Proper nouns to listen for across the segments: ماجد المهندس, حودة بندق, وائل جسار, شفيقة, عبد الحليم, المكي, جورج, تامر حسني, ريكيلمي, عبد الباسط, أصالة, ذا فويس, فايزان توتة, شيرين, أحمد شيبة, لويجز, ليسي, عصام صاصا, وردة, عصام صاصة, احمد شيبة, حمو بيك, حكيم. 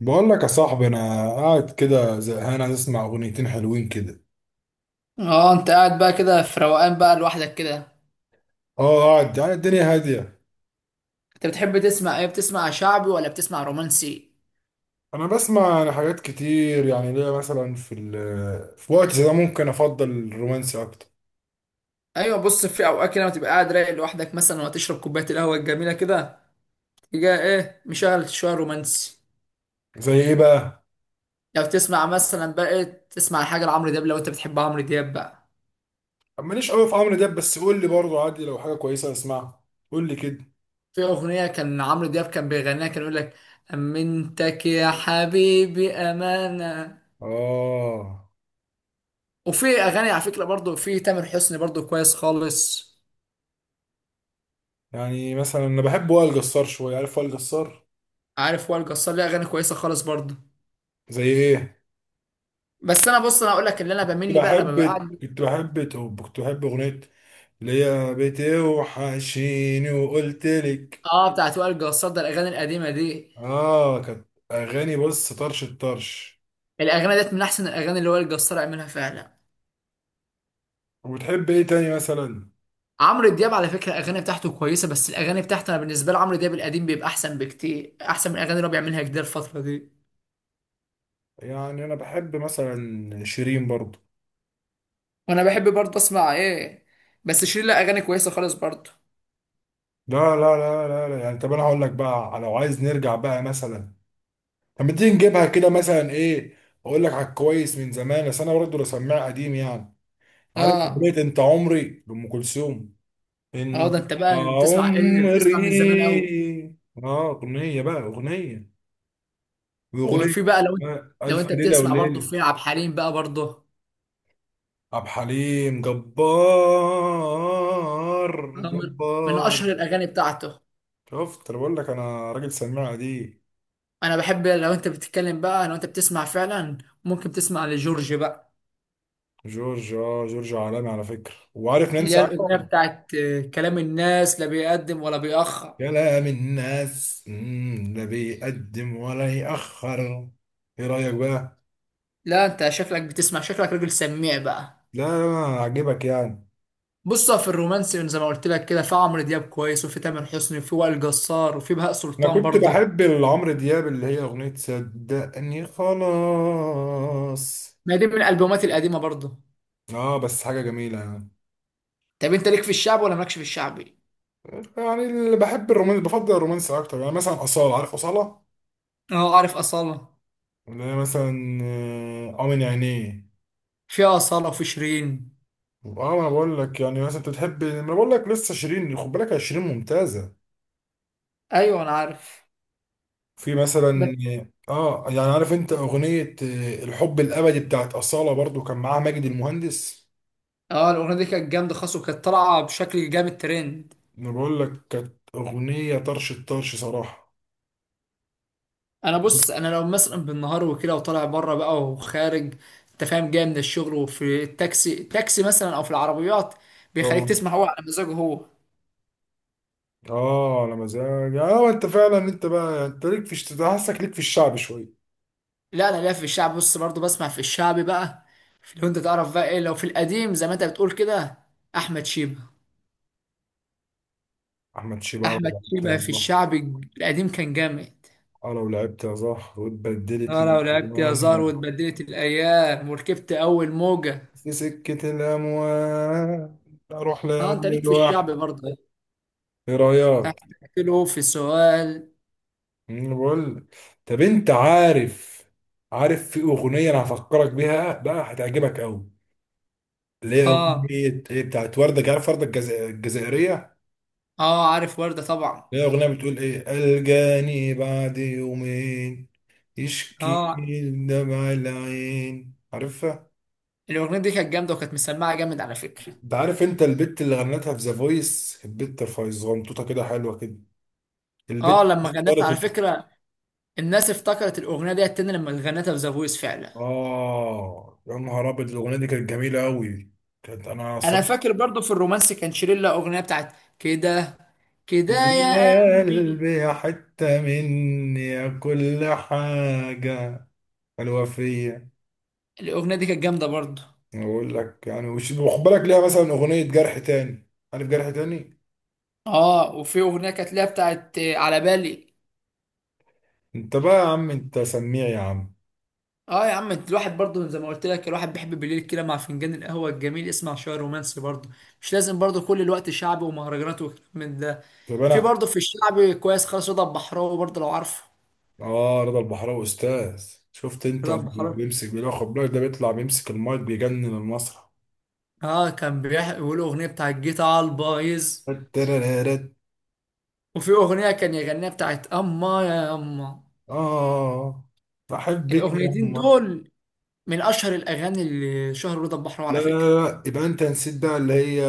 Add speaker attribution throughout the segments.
Speaker 1: بقول لك يا صاحبي انا قاعد كده زهقان، عايز اسمع اغنيتين حلوين كده.
Speaker 2: اه انت قاعد بقى كده في روقان بقى لوحدك كده.
Speaker 1: اه قاعد، الدنيا هاديه.
Speaker 2: انت بتحب تسمع ايه؟ بتسمع شعبي ولا بتسمع رومانسي؟
Speaker 1: انا بسمع يعني حاجات كتير. يعني ليا مثلا في ال، في وقت زي ده ممكن افضل الرومانسي اكتر.
Speaker 2: ايوه بص، في اوقات كده لما تبقى قاعد رايق لوحدك مثلا وتشرب كوبايه القهوه الجميله كده، تيجي ايه مشغل شويه رومانسي.
Speaker 1: زي ايه بقى؟
Speaker 2: لو تسمع مثلا بقى تسمع حاجه لعمرو دياب، لو انت بتحب عمرو دياب بقى.
Speaker 1: ماليش قوي في عمرو دياب، بس قول لي برضه عادي، لو حاجه كويسه اسمعها. قول لي كده.
Speaker 2: في اغنيه كان عمرو دياب كان بيغنيها، كان يقول لك امنتك يا حبيبي امانه.
Speaker 1: اه
Speaker 2: وفي اغاني على فكره برضو في تامر حسني برضو كويس خالص.
Speaker 1: يعني مثلا انا بحب وائل جسار شويه، عارف وائل جسار؟
Speaker 2: عارف وائل جسار ليه اغاني كويسه خالص برضو.
Speaker 1: زي ايه؟
Speaker 2: بس انا بص، انا اقول لك اللي انا بميل
Speaker 1: كنت
Speaker 2: لي بقى لما
Speaker 1: بحب
Speaker 2: ببقى قاعد.
Speaker 1: كنت بحب توب كنت بحب اغنيه اللي هي بتوحشيني، وقلت لك.
Speaker 2: اه بتاعت وائل جسار ده، الاغاني القديمه دي،
Speaker 1: اه كانت اغاني، بص، طرش الطرش.
Speaker 2: الاغاني ديت من احسن الاغاني اللي وائل جسار عملها فعلا.
Speaker 1: وبتحب ايه تاني مثلا؟
Speaker 2: عمرو دياب على فكره الاغاني بتاعته كويسه، بس الاغاني بتاعته انا بالنسبه لي عمرو دياب القديم بيبقى احسن بكتير، احسن من الاغاني اللي هو بيعملها جديد الفتره دي.
Speaker 1: يعني انا بحب مثلا شيرين برضو.
Speaker 2: وانا بحب برضه اسمع ايه، بس شيرين لها اغاني كويسه خالص برضه.
Speaker 1: لا. يعني طب انا هقول لك بقى، لو عايز نرجع بقى مثلا، طب ما تيجي نجيبها كده مثلا ايه. اقول لك على الكويس من زمان، بس انا برضو بسمع قديم يعني. عارف
Speaker 2: اه،
Speaker 1: اغنيه انت عمري لام كلثوم؟
Speaker 2: اه
Speaker 1: إن
Speaker 2: ده انت بقى بتسمع ايه؟ بتسمع من زمان قوي.
Speaker 1: عمري. أغنية بقى، أغنية وأغنية،
Speaker 2: وفي بقى لو انت، لو
Speaker 1: ألف
Speaker 2: انت
Speaker 1: ليلة
Speaker 2: بتسمع برضه
Speaker 1: وليلة.
Speaker 2: في عبد الحليم بقى برضه.
Speaker 1: عبد الحليم جبار
Speaker 2: من
Speaker 1: جبار.
Speaker 2: اشهر الاغاني بتاعته.
Speaker 1: شفت؟ أنا بقول لك أنا راجل سماع دي.
Speaker 2: انا بحب لو انت بتتكلم بقى لو انت بتسمع فعلا، ممكن تسمع لجورج بقى.
Speaker 1: جورج، جورج عالمي على فكرة. وعارف
Speaker 2: اللي
Speaker 1: نانسي
Speaker 2: هي الاغنيه
Speaker 1: عجرم؟
Speaker 2: بتاعت كلام الناس لا بيقدم ولا بيأخر.
Speaker 1: كلام الناس، لا بيقدم ولا يأخر. إيه رأيك بقى؟
Speaker 2: لا انت شكلك بتسمع، شكلك راجل سميع بقى.
Speaker 1: لا لا لا، عجبك يعني.
Speaker 2: بص في الرومانسي زي ما قلت لك كده في عمرو دياب كويس، وفي تامر حسني، وفي وائل جسار، وفي بهاء
Speaker 1: انا
Speaker 2: سلطان
Speaker 1: كنت
Speaker 2: برضه.
Speaker 1: بحب عمرو دياب، اللي هي اغنية صدقني خلاص.
Speaker 2: ما دي من الالبومات القديمه برضه.
Speaker 1: اه بس حاجة جميلة يعني.
Speaker 2: طب انت ليك في الشعب ولا مالكش في الشعبي؟
Speaker 1: يعني اللي بحب الرومانس بفضل الرومانس اكتر. يعني مثلا اصالة، عارف اصالة؟
Speaker 2: اه عارف اصاله.
Speaker 1: اللي هي مثلا اه من عينيه.
Speaker 2: في اصاله وفي شيرين.
Speaker 1: اه انا بقول لك يعني مثلا، انت بتحب؟ ما أنا بقول لك لسه شيرين، خد بالك يا شيرين ممتازة.
Speaker 2: ايوه انا عارف.
Speaker 1: في
Speaker 2: بس
Speaker 1: مثلا اه يعني عارف انت اغنية الحب الابدي بتاعت اصالة، برضو كان معاها ماجد المهندس.
Speaker 2: اه الاغنيه دي كانت جامده خالص وكانت طالعه بشكل جامد ترند.
Speaker 1: انا بقول لك كانت اغنية طرش الطرش صراحة.
Speaker 2: انا بص، انا لو مثلا بالنهار وكده وطالع بره بقى وخارج، انت فاهم جاي من الشغل وفي التاكسي مثلا او في العربيات، بيخليك
Speaker 1: اه.
Speaker 2: تسمع هو على مزاجه هو.
Speaker 1: اه على مزاج. اه انت فعلا انت بقى، انت ليك في حاسك ليك في الشعب شويه.
Speaker 2: لا انا ليا في الشعب، بص برضه بسمع في الشعبي بقى. في لو انت تعرف بقى ايه، لو في القديم زي ما انت بتقول كده، احمد شيبة.
Speaker 1: احمد شيبة لو
Speaker 2: احمد
Speaker 1: لعبت يا
Speaker 2: شيبة في
Speaker 1: صلاح.
Speaker 2: الشعبي القديم كان جامد.
Speaker 1: اه لو لعبت يا صلاح واتبدلت
Speaker 2: اه لو لعبت يا زار
Speaker 1: الاموال،
Speaker 2: واتبدلت الايام وركبت اول موجة.
Speaker 1: في سكه الاموال، اروح
Speaker 2: اه انت ليك
Speaker 1: لاول
Speaker 2: في
Speaker 1: واحد.
Speaker 2: الشعبي برضه.
Speaker 1: ايه رايك؟
Speaker 2: تحت له في سؤال.
Speaker 1: أنا بقول لك. طب انت عارف؟ عارف في اغنيه انا هفكرك بيها بقى، هتعجبك قوي. اللي هي
Speaker 2: اه.
Speaker 1: اغنيه ايه بتاعت ورده، عارف ورده الجزائريه؟
Speaker 2: اه عارف وردة طبعا.
Speaker 1: هي أغنية بتقول إيه: ألقاني بعد يومين يشكي
Speaker 2: اه
Speaker 1: دمع العين، عارفها؟
Speaker 2: الاغنية دي كانت جامدة وكانت مسمعة جامد على فكرة.
Speaker 1: أنت عارف أنت البت اللي غنتها في ذا فويس؟ البت فايزان توتة كده، حلوة كده.
Speaker 2: اه
Speaker 1: البت
Speaker 2: لما غنتها على
Speaker 1: اختارت.
Speaker 2: فكرة، الناس افتكرت الاغنية دي تاني لما غنتها في ذا فويس فعلا.
Speaker 1: آه يا نهار أبيض، الأغنية دي كانت جميلة أوي. كانت أنا
Speaker 2: انا
Speaker 1: صدق.
Speaker 2: فاكر برضو في الرومانسي كان شيرين لها اغنية بتاعت كده، كده يا قلبي.
Speaker 1: قلبي حتة مني يا كل حاجة حلوة فيا.
Speaker 2: الاغنية دي كانت جامدة برضو.
Speaker 1: أقول لك يعني وخد بالك ليها مثلا أغنية جرح تاني، عارف جرح تاني؟
Speaker 2: اه وفي اغنية كانت لها بتاعت على بالي.
Speaker 1: انت بقى يا عم، انت سميع يا عم.
Speaker 2: اه يا عم الواحد برضه زي ما قلت لك الواحد بيحب بالليل كده مع فنجان القهوه الجميل يسمع شويه رومانسي برضه. مش لازم برضه كل الوقت شعبي ومهرجانات وكلام من ده.
Speaker 1: طب
Speaker 2: في
Speaker 1: انا،
Speaker 2: برضه في الشعبي كويس خالص رضا البحراوي برضه لو عارفه.
Speaker 1: اه رضا البحراوي استاذ. شفت؟ انت
Speaker 2: رضا البحراوي
Speaker 1: بيمسك، بياخد بالك ده، بيطلع بيمسك المايك بيجنن المسرح.
Speaker 2: اه كان بيقول اغنيه بتاع الجيت على البايظ.
Speaker 1: الترررت.
Speaker 2: وفي اغنيه كان يغنيها بتاعت اما يا اما.
Speaker 1: اه بحبك يا
Speaker 2: الاغنيتين
Speaker 1: يما.
Speaker 2: دول من اشهر الاغاني اللي شهر رضا البحراوي
Speaker 1: لا
Speaker 2: على
Speaker 1: لا
Speaker 2: فكره.
Speaker 1: لا، يبقى انت نسيت بقى اللي هي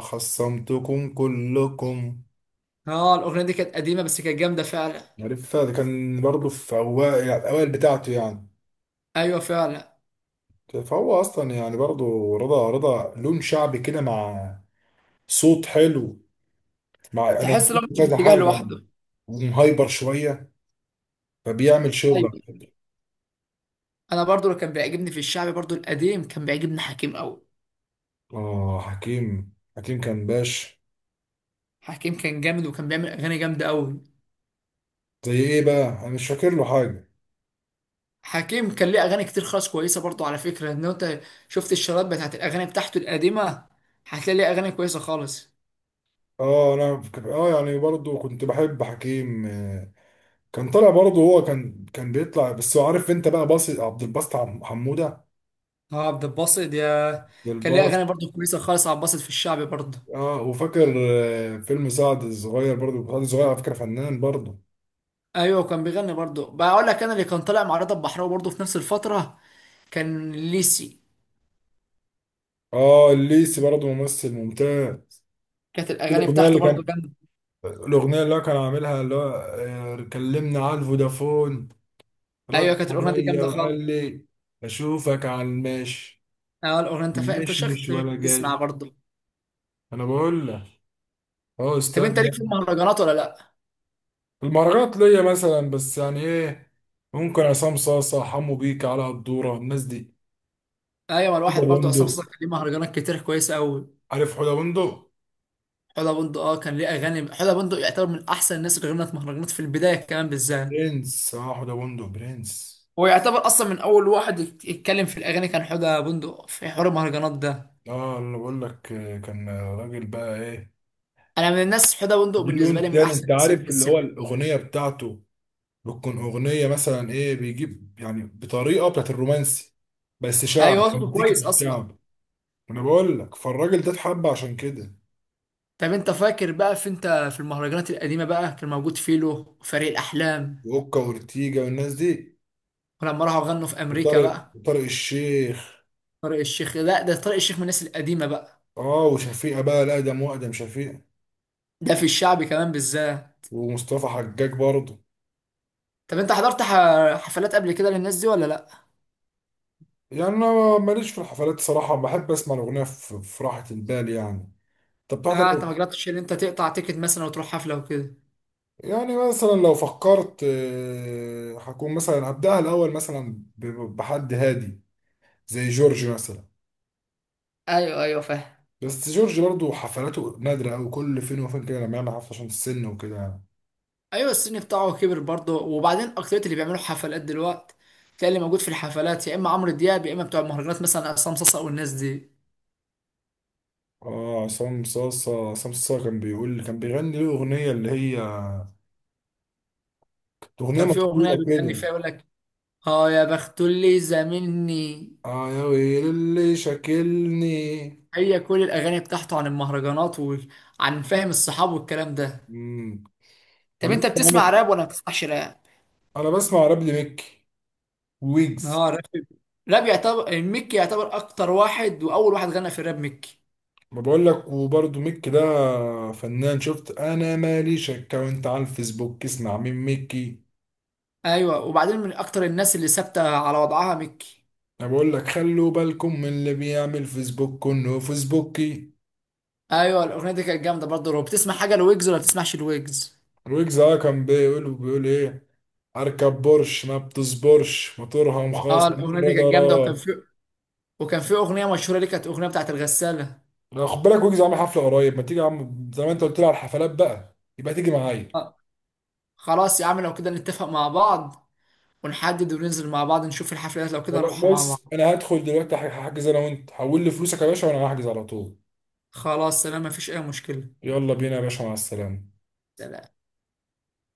Speaker 1: خصمتكم كلكم.
Speaker 2: اه الاغنيه دي كانت قديمه بس كانت جامده فعلا.
Speaker 1: عارفها؟ ده كان برضه في اوائل، يعني الاوائل بتاعته يعني.
Speaker 2: ايوه فعلا.
Speaker 1: فهو اصلا يعني برضه رضا، رضا لون شعبي كده، مع صوت حلو. مع انا
Speaker 2: تحس لو
Speaker 1: في
Speaker 2: مش في
Speaker 1: كذا
Speaker 2: اتجاه
Speaker 1: حاجه،
Speaker 2: لوحده.
Speaker 1: ومهايبر شويه، فبيعمل شغل على
Speaker 2: أيوة.
Speaker 1: فكرة.
Speaker 2: انا برضو اللي كان بيعجبني في الشعبي برضو القديم كان بيعجبني حكيم قوي.
Speaker 1: اه حكيم، حكيم كان باش.
Speaker 2: حكيم كان جامد وكان بيعمل اغاني جامده قوي.
Speaker 1: زي ايه بقى؟ انا مش فاكر له حاجه.
Speaker 2: حكيم كان ليه اغاني كتير خالص كويسه برضو على فكره، ان انت شفت الشرايط بتاعت الاغاني بتاعته القديمه هتلاقي ليه اغاني كويسه خالص.
Speaker 1: اه يعني برضو كنت بحب حكيم كان طالع برضو، هو كان بيطلع بس. هو عارف انت بقى باص عبد الباسط حموده؟
Speaker 2: اه عبد الباسط يا،
Speaker 1: عبد
Speaker 2: كان ليه اغاني
Speaker 1: الباسط.
Speaker 2: برضو كويسه خالص عبد الباسط في الشعبي برضو.
Speaker 1: اه وفاكر فيلم سعد الصغير برضو، سعد الصغير على فكره فنان برضو.
Speaker 2: ايوه كان بيغني برضو، بقول لك انا اللي كان طالع مع رضا البحراوي برضو في نفس الفتره كان ليسي.
Speaker 1: اه الليسي برضو ممثل ممتاز.
Speaker 2: كانت الاغاني
Speaker 1: الاغنيه
Speaker 2: بتاعته
Speaker 1: اللي
Speaker 2: برضو
Speaker 1: كان،
Speaker 2: جامده.
Speaker 1: الأغنية اللي هو كان عاملها اللي هو كلمنا على الفودافون،
Speaker 2: ايوه
Speaker 1: رد
Speaker 2: كانت الاغنيه دي
Speaker 1: عليا
Speaker 2: جامده خالص.
Speaker 1: وقال لي أشوفك على الماشي،
Speaker 2: اه الاغنيه انت انت
Speaker 1: مش مش
Speaker 2: شخص
Speaker 1: ولا
Speaker 2: بتسمع
Speaker 1: جاش.
Speaker 2: برضو.
Speaker 1: أنا بقول لك أه
Speaker 2: طب
Speaker 1: أستاذ
Speaker 2: انت ليك في
Speaker 1: ده.
Speaker 2: المهرجانات ولا لا؟
Speaker 1: المهرجانات ليا مثلا، بس يعني إيه، ممكن عصام صاصة، حمو بيك، على الدورة، الناس دي.
Speaker 2: ايوه
Speaker 1: حوده
Speaker 2: الواحد برضو عصام
Speaker 1: بندق،
Speaker 2: صاصا كان ليه مهرجانات كتير كويسه قوي.
Speaker 1: عارف حوده بندق؟
Speaker 2: حوده بندق اه كان ليه اغاني، حوده بندق يعتبر من احسن الناس اللي غنت مهرجانات في البدايه كمان بالذات.
Speaker 1: برنس، أه حوده بندق برنس.
Speaker 2: هو يعتبر اصلا من اول واحد يتكلم في الاغاني كان حوده بندق في حوار المهرجانات ده.
Speaker 1: أه أنا بقول لك كان راجل بقى إيه.
Speaker 2: انا من الناس حوده بندق
Speaker 1: دي
Speaker 2: بالنسبه
Speaker 1: لون
Speaker 2: لي من
Speaker 1: تاني،
Speaker 2: احسن
Speaker 1: أنت
Speaker 2: الناس اللي
Speaker 1: عارف اللي
Speaker 2: بتسمع.
Speaker 1: هو الأغنية بتاعته بتكون اغنيه مثلا ايه، بيجيب يعني بطريقه بتاعت الرومانسي، بس
Speaker 2: ايوه
Speaker 1: شعب،
Speaker 2: هو صوته
Speaker 1: مزيكا
Speaker 2: كويس
Speaker 1: مش
Speaker 2: اصلا.
Speaker 1: شعب. انا بقول لك فالراجل ده اتحب عشان كده.
Speaker 2: طب انت فاكر بقى في انت في المهرجانات القديمه بقى كان موجود فيلو وفريق الاحلام،
Speaker 1: واوكا وارتيجا والناس دي،
Speaker 2: ولما راحوا غنوا في امريكا
Speaker 1: وطارق،
Speaker 2: بقى.
Speaker 1: وطارق الشيخ.
Speaker 2: طارق الشيخ، لا ده طارق الشيخ من الناس القديمه بقى.
Speaker 1: اه وشفيقة بقى الاقدم، واقدم شفيقة،
Speaker 2: ده في الشعب كمان بالذات.
Speaker 1: ومصطفى حجاج برضه.
Speaker 2: طب انت حضرت حفلات قبل كده للناس دي ولا لا؟
Speaker 1: يعني انا ماليش في الحفلات صراحه، بحب اسمع الاغنيه في راحه البال يعني. طب بتحضر
Speaker 2: اه انت ما
Speaker 1: إيه؟
Speaker 2: جربتش ان انت تقطع تيكت مثلا وتروح حفله وكده.
Speaker 1: يعني مثلا لو فكرت هكون مثلا هبدأها الاول مثلا بحد هادي، زي جورج مثلا.
Speaker 2: ايوه ايوه فاهم.
Speaker 1: بس جورج برضو حفلاته نادرة أوي، كل فين وفين كده لما يعمل حفلة، عشان السن وكده يعني.
Speaker 2: ايوه السن بتاعه كبر برضه، وبعدين اكترية اللي بيعملوا حفلات دلوقتي تلاقي اللي موجود في الحفلات يا اما عمرو دياب يا اما بتوع المهرجانات مثلا عصام صاصا والناس دي.
Speaker 1: اه عصام صاصة، عصام صاصة كان بيقول، كان بيغني له أغنية اللي هي كانت أغنية
Speaker 2: كان في اغنيه
Speaker 1: مشهورة
Speaker 2: بيغني
Speaker 1: كده.
Speaker 2: فيها يقول لك اه يا بخت اللي زاملني.
Speaker 1: اه يا ويل اللي شاكلني.
Speaker 2: هي كل الاغاني بتاعته عن المهرجانات وعن فهم الصحاب والكلام ده.
Speaker 1: مم.
Speaker 2: طب
Speaker 1: كان لسه
Speaker 2: انت بتسمع
Speaker 1: عامل-
Speaker 2: راب ولا ما بتسمعش راب؟
Speaker 1: أنا بسمع راب لميكي، ويجز.
Speaker 2: اه راب. راب يعتبر المكي يعتبر اكتر واحد واول واحد غنى في الراب مكي.
Speaker 1: ما بقول لك وبرضه ميكي ده فنان. شفت؟ أنا مالي شك. وأنت على الفيسبوك اسمع من ميكي.
Speaker 2: ايوه وبعدين من اكتر الناس اللي ثابته على وضعها مكي.
Speaker 1: انا بقول لك خلوا بالكم من اللي بيعمل فيسبوك انه فيسبوكي.
Speaker 2: ايوه الاغنيه دي كانت جامده برضه. لو بتسمع حاجه لويجز ولا بتسمعش لويجز؟
Speaker 1: ويجز اه كان بيقول ايه، اركب بورش ما بتصبرش، موتورها
Speaker 2: اه
Speaker 1: مخاص،
Speaker 2: الاغنيه
Speaker 1: مرة
Speaker 2: دي كانت جامده، وكان
Speaker 1: ضرب.
Speaker 2: في، وكان في اغنيه مشهوره ليه كانت اغنيه بتاعت الغساله.
Speaker 1: لا، خد بالك، ويجز عامل حفلة قريب، ما تيجي يا عم، زي ما انت قلت لي على الحفلات بقى، يبقى تيجي معايا.
Speaker 2: آه. خلاص يا عم لو كده نتفق مع بعض، ونحدد وننزل مع بعض نشوف الحفلات لو كده
Speaker 1: خلاص
Speaker 2: نروحها مع
Speaker 1: بص،
Speaker 2: بعض.
Speaker 1: انا هدخل دلوقتي هحجز انا وانت، حول لي فلوسك يا باشا وانا هحجز على طول.
Speaker 2: خلاص سلام مفيش اي مشكله.
Speaker 1: يلا بينا يا باشا، مع السلامة.
Speaker 2: سلام.